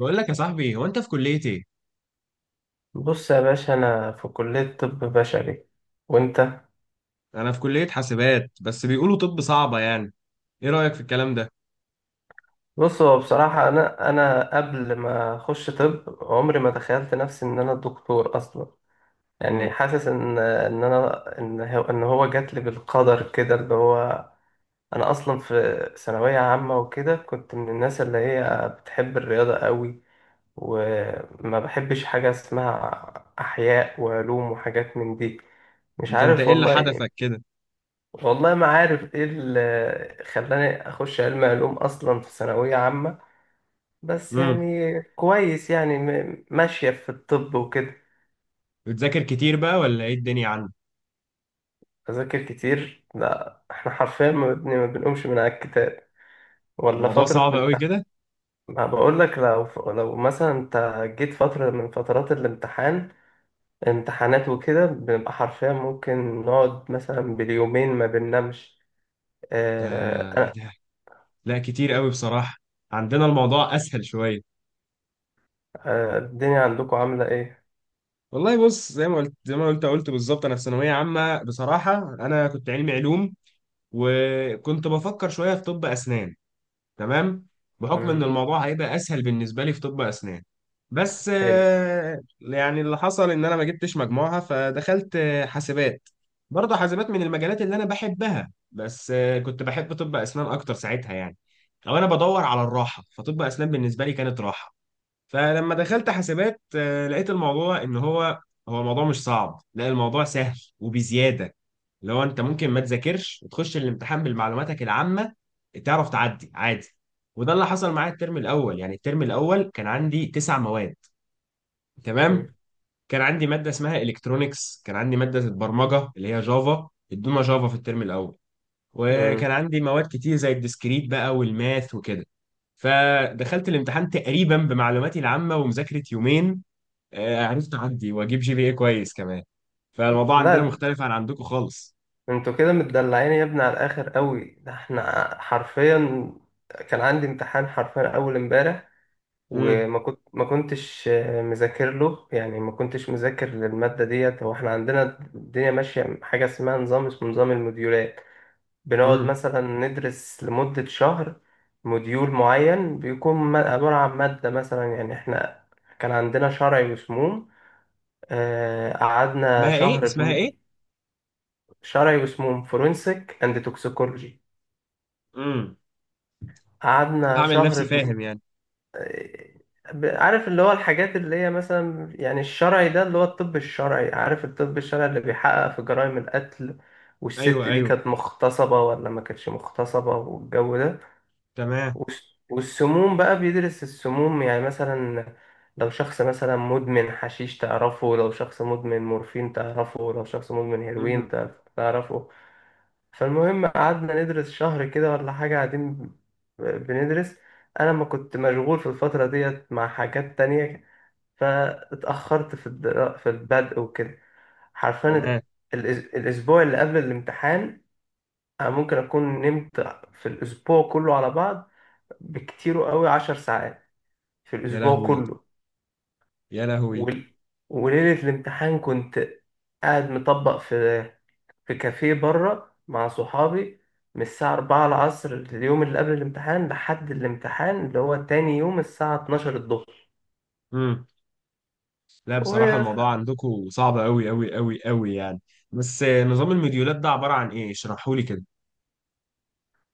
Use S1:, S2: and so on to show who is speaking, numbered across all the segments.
S1: بقول لك يا صاحبي، هو انت في كلية ايه؟
S2: بص يا باشا، انا في كلية طب بشري. وانت؟
S1: انا في كلية حاسبات، بس بيقولوا طب صعبة يعني. ايه رأيك في الكلام ده؟
S2: بص، هو بصراحة انا قبل ما اخش طب عمري ما تخيلت نفسي ان انا دكتور اصلا. يعني
S1: امم.
S2: حاسس ان هو جات لي بالقدر كده اللي هو انا اصلا في ثانوية عامة وكده، كنت من الناس اللي هي بتحب الرياضة قوي، وما بحبش حاجة اسمها احياء وعلوم وحاجات من دي. مش
S1: ده انت
S2: عارف
S1: ايه اللي
S2: والله.
S1: حدفك كده؟
S2: والله ما عارف ايه اللي خلاني اخش علم علوم اصلا في ثانوية عامة. بس
S1: امم.
S2: يعني كويس، يعني ماشية في الطب وكده.
S1: بتذاكر كتير بقى ولا ايه الدنيا عندك؟
S2: اذاكر كتير؟ لا، احنا حرفيا ما بنقومش من على الكتاب ولا
S1: الموضوع
S2: فترة
S1: صعب قوي
S2: امتحان.
S1: كده؟
S2: ما بقول لك، لو لو مثلا انت جيت فترة من فترات الامتحان، امتحانات وكده، بنبقى حرفيا ممكن نقعد مثلا باليومين ما بننامش.
S1: ده ايه
S2: آه.
S1: ده؟ لا، كتير قوي بصراحة. عندنا الموضوع اسهل شوية.
S2: آه، الدنيا عندكم عاملة ايه؟
S1: والله بص، زي ما قلت بالظبط، انا في ثانوية عامة بصراحة. انا كنت علمي علوم، وكنت بفكر شوية في طب اسنان. تمام. بحكم ان
S2: مم.
S1: الموضوع هيبقى اسهل بالنسبه لي في طب اسنان. بس
S2: حلو.
S1: يعني اللي حصل ان انا ما جبتش مجموعها، فدخلت حاسبات. برضه حاسبات من المجالات اللي انا بحبها، بس كنت بحب طب اسنان اكتر ساعتها يعني. او انا بدور على الراحه، فطب اسنان بالنسبه لي كانت راحه. فلما دخلت حاسبات لقيت الموضوع ان هو الموضوع مش صعب، لا الموضوع سهل وبزياده. لو انت ممكن ما تذاكرش وتخش الامتحان بالمعلوماتك العامه تعرف تعدي عادي. وده اللي حصل معايا الترم الاول. يعني الترم الاول كان عندي تسع مواد. تمام.
S2: مم.
S1: كان عندي ماده اسمها الكترونكس، كان عندي ماده البرمجه اللي هي جافا، ادونا جافا في الترم الاول.
S2: مم.
S1: وكان عندي مواد كتير زي الديسكريت بقى والماث وكده. فدخلت الامتحان تقريبا بمعلوماتي العامه ومذاكره يومين. عرفت اعدي واجيب جي بي اي كويس كمان. فالموضوع عندنا
S2: لا،
S1: مختلف عن عندكم خالص.
S2: انتوا كده متدلعين يا ابني على الاخر قوي. ده احنا حرفيا كان عندي امتحان حرفيا اول امبارح،
S1: امم.
S2: وما كنتش مذاكر له. يعني ما كنتش مذاكر للماده ديت. هو احنا عندنا الدنيا ماشيه حاجه اسمها نظام، اسمه نظام الموديولات. بنقعد
S1: امم.
S2: مثلا ندرس لمده شهر. موديول معين بيكون عباره عن ماده مثلا. يعني احنا كان عندنا شرعي وسموم. آه، قعدنا
S1: اسمها ايه؟
S2: شهر.
S1: اسمها ايه؟
S2: شرعي واسمهم فورنسيك اند توكسيكولوجي.
S1: امم.
S2: قعدنا
S1: هعمل نفسي
S2: شهر
S1: فاهم يعني.
S2: آه. عارف اللي هو الحاجات اللي هي مثلا، يعني الشرعي ده اللي هو الطب الشرعي. عارف الطب الشرعي اللي بيحقق في جرائم القتل، والست
S1: ايوه،
S2: دي
S1: ايوه.
S2: كانت مغتصبة ولا ما كانتش مغتصبة والجو ده.
S1: تمام.
S2: والسموم بقى بيدرس السموم، يعني مثلا لو شخص مثلا مدمن حشيش تعرفه، لو شخص مدمن مورفين تعرفه، لو شخص مدمن هيروين
S1: امم.
S2: تعرفه. فالمهم قعدنا ندرس شهر كده ولا حاجة، قاعدين بندرس. أنا ما كنت مشغول في الفترة ديت مع حاجات تانية، فاتأخرت في في البدء وكده حرفيا.
S1: تمام.
S2: الأسبوع اللي قبل الامتحان أنا ممكن أكون نمت في الأسبوع كله على بعض بكتير قوي 10 ساعات في
S1: يا
S2: الأسبوع
S1: لهوي،
S2: كله.
S1: يا لهوي.
S2: وال... وليلة الامتحان كنت قاعد مطبق في كافيه بره مع صحابي، من الساعة 4 العصر اليوم اللي قبل الامتحان لحد الامتحان اللي هو تاني يوم الساعة 12 الظهر.
S1: امم. لا، بصراحه
S2: والح-
S1: الموضوع عندكم صعب قوي قوي قوي قوي يعني. بس نظام المديولات ده عباره عن ايه؟ اشرحوا لي كده.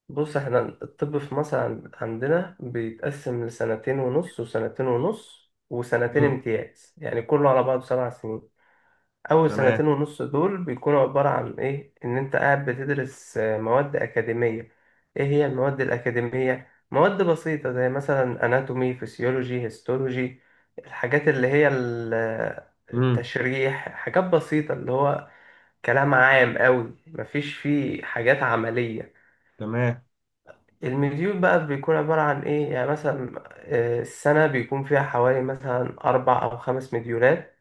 S2: بص احنا الطب في مصر عندنا بيتقسم لسنتين ونص، وسنتين ونص، وسنتين
S1: امم.
S2: امتياز، يعني كله على بعضه 7 سنين. أول
S1: تمام.
S2: سنتين ونص دول بيكونوا عبارة عن إيه؟ إن أنت قاعد بتدرس مواد أكاديمية. إيه هي المواد الأكاديمية؟ مواد بسيطة زي مثلا أناتومي، فسيولوجي، هيستولوجي، الحاجات اللي هي
S1: امم.
S2: التشريح، حاجات بسيطة اللي هو كلام عام أوي، مفيش فيه حاجات عملية.
S1: تمام.
S2: المديول بقى بيكون عبارة عن إيه؟ يعني مثلا السنة بيكون فيها حوالي مثلا أربع أو خمس مديولات.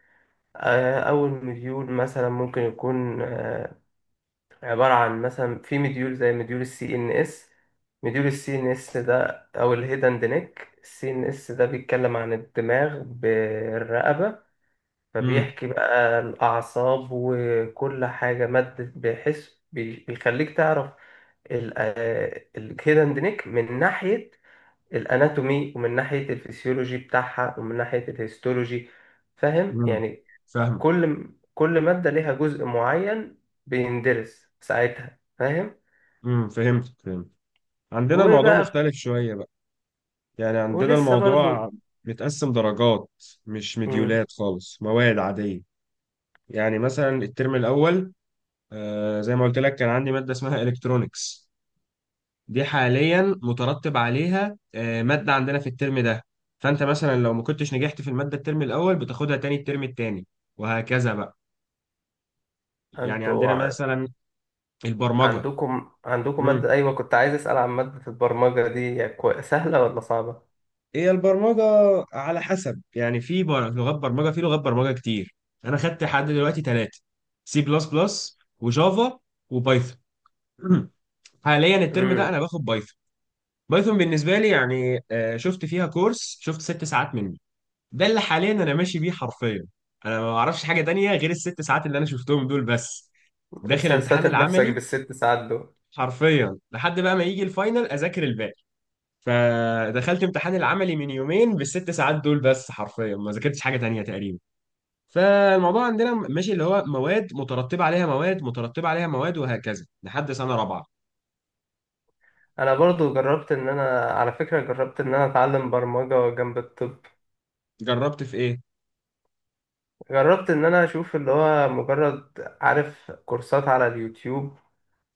S2: أول مديول مثلا ممكن يكون عبارة عن مثلا في مديول زي مديول السي ان اس. مديول السي ان اس ده او الهيدن نيك السي ان اس ده بيتكلم عن الدماغ بالرقبة.
S1: امم.
S2: فبيحكي بقى الأعصاب وكل حاجة مادة، بحس بيخليك تعرف الهيدن نيك من ناحية الاناتومي ومن ناحية الفسيولوجي بتاعها ومن ناحية الهيستولوجي. فاهم
S1: امم.
S2: يعني؟
S1: فاهم.
S2: كل كل مادة ليها جزء معين بيندرس ساعتها، فاهم؟
S1: امم. فهمت، فهمت. عندنا الموضوع
S2: وبقى
S1: مختلف شويه بقى. يعني عندنا
S2: ولسه برضو.
S1: الموضوع متقسم درجات، مش
S2: مم.
S1: مديولات خالص، مواد عادية. يعني مثلا الترم الأول، آه زي ما قلت لك كان عندي مادة اسمها إلكترونيكس. دي حاليا مترتب عليها آه مادة عندنا في الترم ده. فأنت مثلا لو ما كنتش نجحت في المادة الترم الأول بتاخدها تاني الترم التاني، وهكذا بقى. يعني
S2: انتوا
S1: عندنا مثلا البرمجة.
S2: عندكم مادة، أيوة كنت عايز أسأل عن مادة البرمجة دي، هي سهلة ولا صعبة؟
S1: هي البرمجة على حسب، يعني في لغات برمجة، في لغات برمجة كتير. أنا خدت لحد دلوقتي ثلاثة: سي بلس بلس، وجافا، وبايثون. حاليا الترم ده أنا
S2: امم.
S1: باخد بايثون. بايثون بالنسبة لي يعني شفت فيها كورس، شفت 6 ساعات منه. ده اللي حاليا أنا ماشي بيه حرفيا. أنا ما أعرفش حاجة تانية غير ال6 ساعات اللي أنا شفتهم دول بس. داخل امتحان
S2: ساتر نفسك
S1: العملي
S2: بالست ساعات دول.
S1: حرفيا لحد بقى ما يجي الفاينل أذاكر الباقي. فدخلت امتحان العملي من يومين بال6 ساعات دول بس، حرفيا ما ذاكرتش حاجه تانية تقريبا. فالموضوع عندنا ماشي اللي هو مواد مترتبه عليها مواد، مترتبه عليها مواد، وهكذا لحد سنه رابعه.
S2: أنا برضو جربت، إن أنا على فكرة جربت إن أنا أتعلم برمجة جنب الطب،
S1: جربت في ايه؟
S2: جربت إن أنا أشوف اللي هو مجرد، عارف، كورسات على اليوتيوب،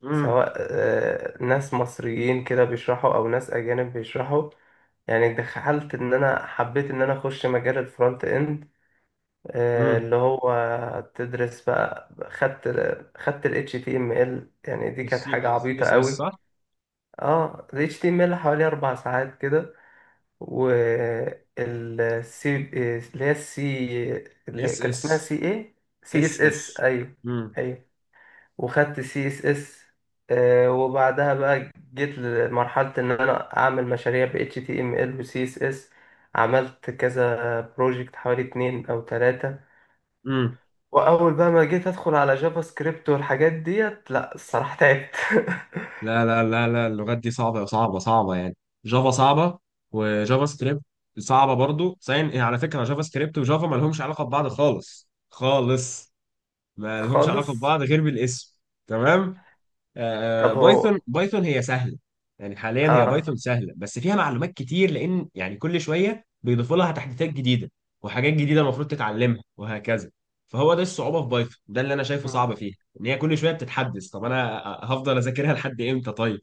S1: امم.
S2: سواء ناس مصريين كده بيشرحوا او ناس اجانب بيشرحوا. يعني دخلت ان انا حبيت ان انا اخش مجال الفرونت اند،
S1: امم.
S2: اللي هو تدرس بقى، خدت ال HTML. يعني دي كانت
S1: السي
S2: حاجة عبيطة
S1: اس اس
S2: قوي.
S1: صح؟
S2: اه ال HTML حوالي 4 ساعات كده. والسي، اللي هي السي، اللي
S1: اس
S2: كان
S1: اس.
S2: اسمها سي ايه، سي اس
S1: اس اس.
S2: اس. ايوه.
S1: امم.
S2: ايوه. وخدت سي اس اس. وبعدها بقى جيت لمرحلة ان انا اعمل مشاريع ب HTML و CSS. عملت كذا بروجكت، حوالي اتنين او تلاتة.
S1: امم.
S2: واول بقى ما جيت ادخل على جافا سكريبت والحاجات ديت، لا الصراحة تعبت.
S1: لا لا لا لا، اللغات دي صعبه صعبه صعبه يعني. جافا صعبه. وجافا سكريبت صعبه برضو. سين على فكره، جافا سكريبت وجافا ما لهمش علاقه ببعض خالص خالص. ما لهمش علاقه
S2: خالص.
S1: ببعض غير بالاسم. تمام.
S2: طب
S1: بايثون،
S2: هو.
S1: بايثون هي سهله. يعني حاليا هي بايثون
S2: اه.
S1: سهله، بس فيها معلومات كتير، لان يعني كل شويه بيضيفوا لها تحديثات جديده وحاجات جديده المفروض تتعلمها وهكذا. فهو ده الصعوبه في بايثون، ده اللي انا شايفه صعب
S2: مم.
S1: فيها. ان هي كل شويه بتتحدث، طب انا هفضل اذاكرها لحد امتى طيب؟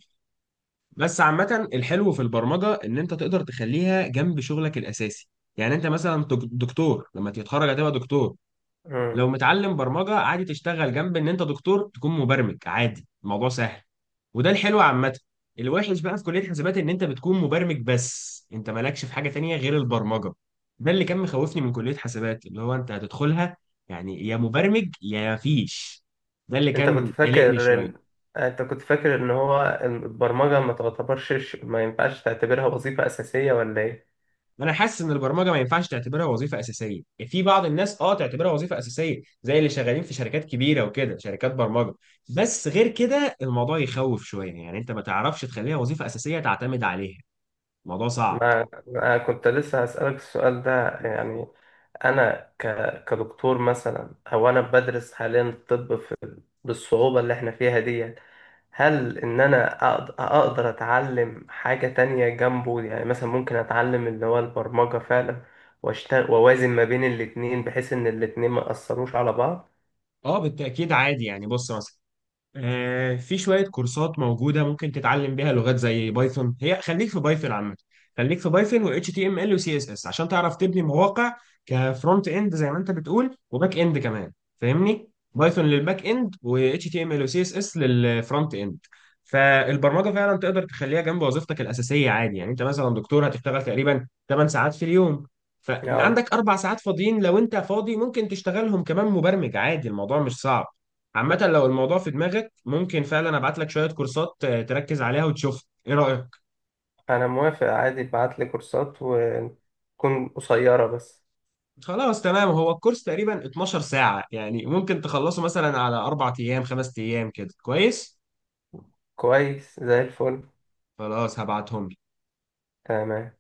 S1: بس عامه الحلو في البرمجه ان انت تقدر تخليها جنب شغلك الاساسي. يعني انت مثلا دكتور لما تتخرج هتبقى دكتور.
S2: مم.
S1: لو متعلم برمجه عادي، تشتغل جنب ان انت دكتور، تكون مبرمج عادي، الموضوع سهل. وده الحلو عامه. الوحش بقى في كليه حسابات ان انت بتكون مبرمج بس، انت مالكش في حاجه تانية غير البرمجه. ده اللي كان مخوفني من كليه حسابات، اللي هو انت هتدخلها يعني يا مبرمج يا مفيش. ده اللي
S2: انت كنت
S1: كان قلقني
S2: فاكر
S1: شويه.
S2: ان انت كنت فاكر ان هو البرمجة ما تعتبرش، ما ينفعش تعتبرها وظيفة اساسية ولا ايه؟
S1: انا حاسس ان البرمجه ما ينفعش تعتبرها وظيفه اساسيه. يعني في بعض الناس اه تعتبرها وظيفه اساسيه، زي اللي شغالين في شركات كبيره وكده، شركات برمجه. بس غير كده الموضوع يخوف شويه، يعني انت ما تعرفش تخليها وظيفه اساسيه تعتمد عليها، الموضوع صعب.
S2: ما أنا كنت لسه هسألك السؤال ده يعني. أنا ك... كدكتور مثلا، أو أنا بدرس حاليا الطب بالصعوبة اللي إحنا فيها دي. هل إن أنا أقدر أتعلم حاجة تانية جنبه، يعني مثلا ممكن أتعلم اللي هو البرمجة فعلا، وأشتغل وأوازن ما بين الاتنين بحيث إن الاتنين ما يأثروش على بعض.
S1: اه بالتاكيد عادي، يعني بص مثلا في شوية كورسات موجودة ممكن تتعلم بيها لغات زي بايثون. هي خليك في بايثون عامة، خليك في بايثون و HTML و CSS عشان تعرف تبني مواقع كفرونت اند زي ما انت بتقول، وباك اند كمان. فاهمني؟ بايثون للباك اند، و HTML و CSS للفرونت اند. فالبرمجة فعلا تقدر تخليها جنب وظيفتك الأساسية عادي. يعني انت مثلا دكتور هتشتغل تقريبا 8 ساعات في اليوم،
S2: أه.
S1: فعندك 4 ساعات فاضيين، لو انت فاضي ممكن تشتغلهم كمان مبرمج عادي، الموضوع مش صعب. عامة لو الموضوع في دماغك ممكن فعلا ابعت لك شوية كورسات تركز عليها، وتشوف ايه رأيك؟
S2: أنا موافق، عادي ابعتلي كورسات وتكون قصيرة بس.
S1: خلاص تمام، هو الكورس تقريبا 12 ساعة، يعني ممكن تخلصه مثلا على 4 ايام 5 ايام كده، كويس؟
S2: كويس زي الفل.
S1: خلاص هبعتهم.
S2: تمام.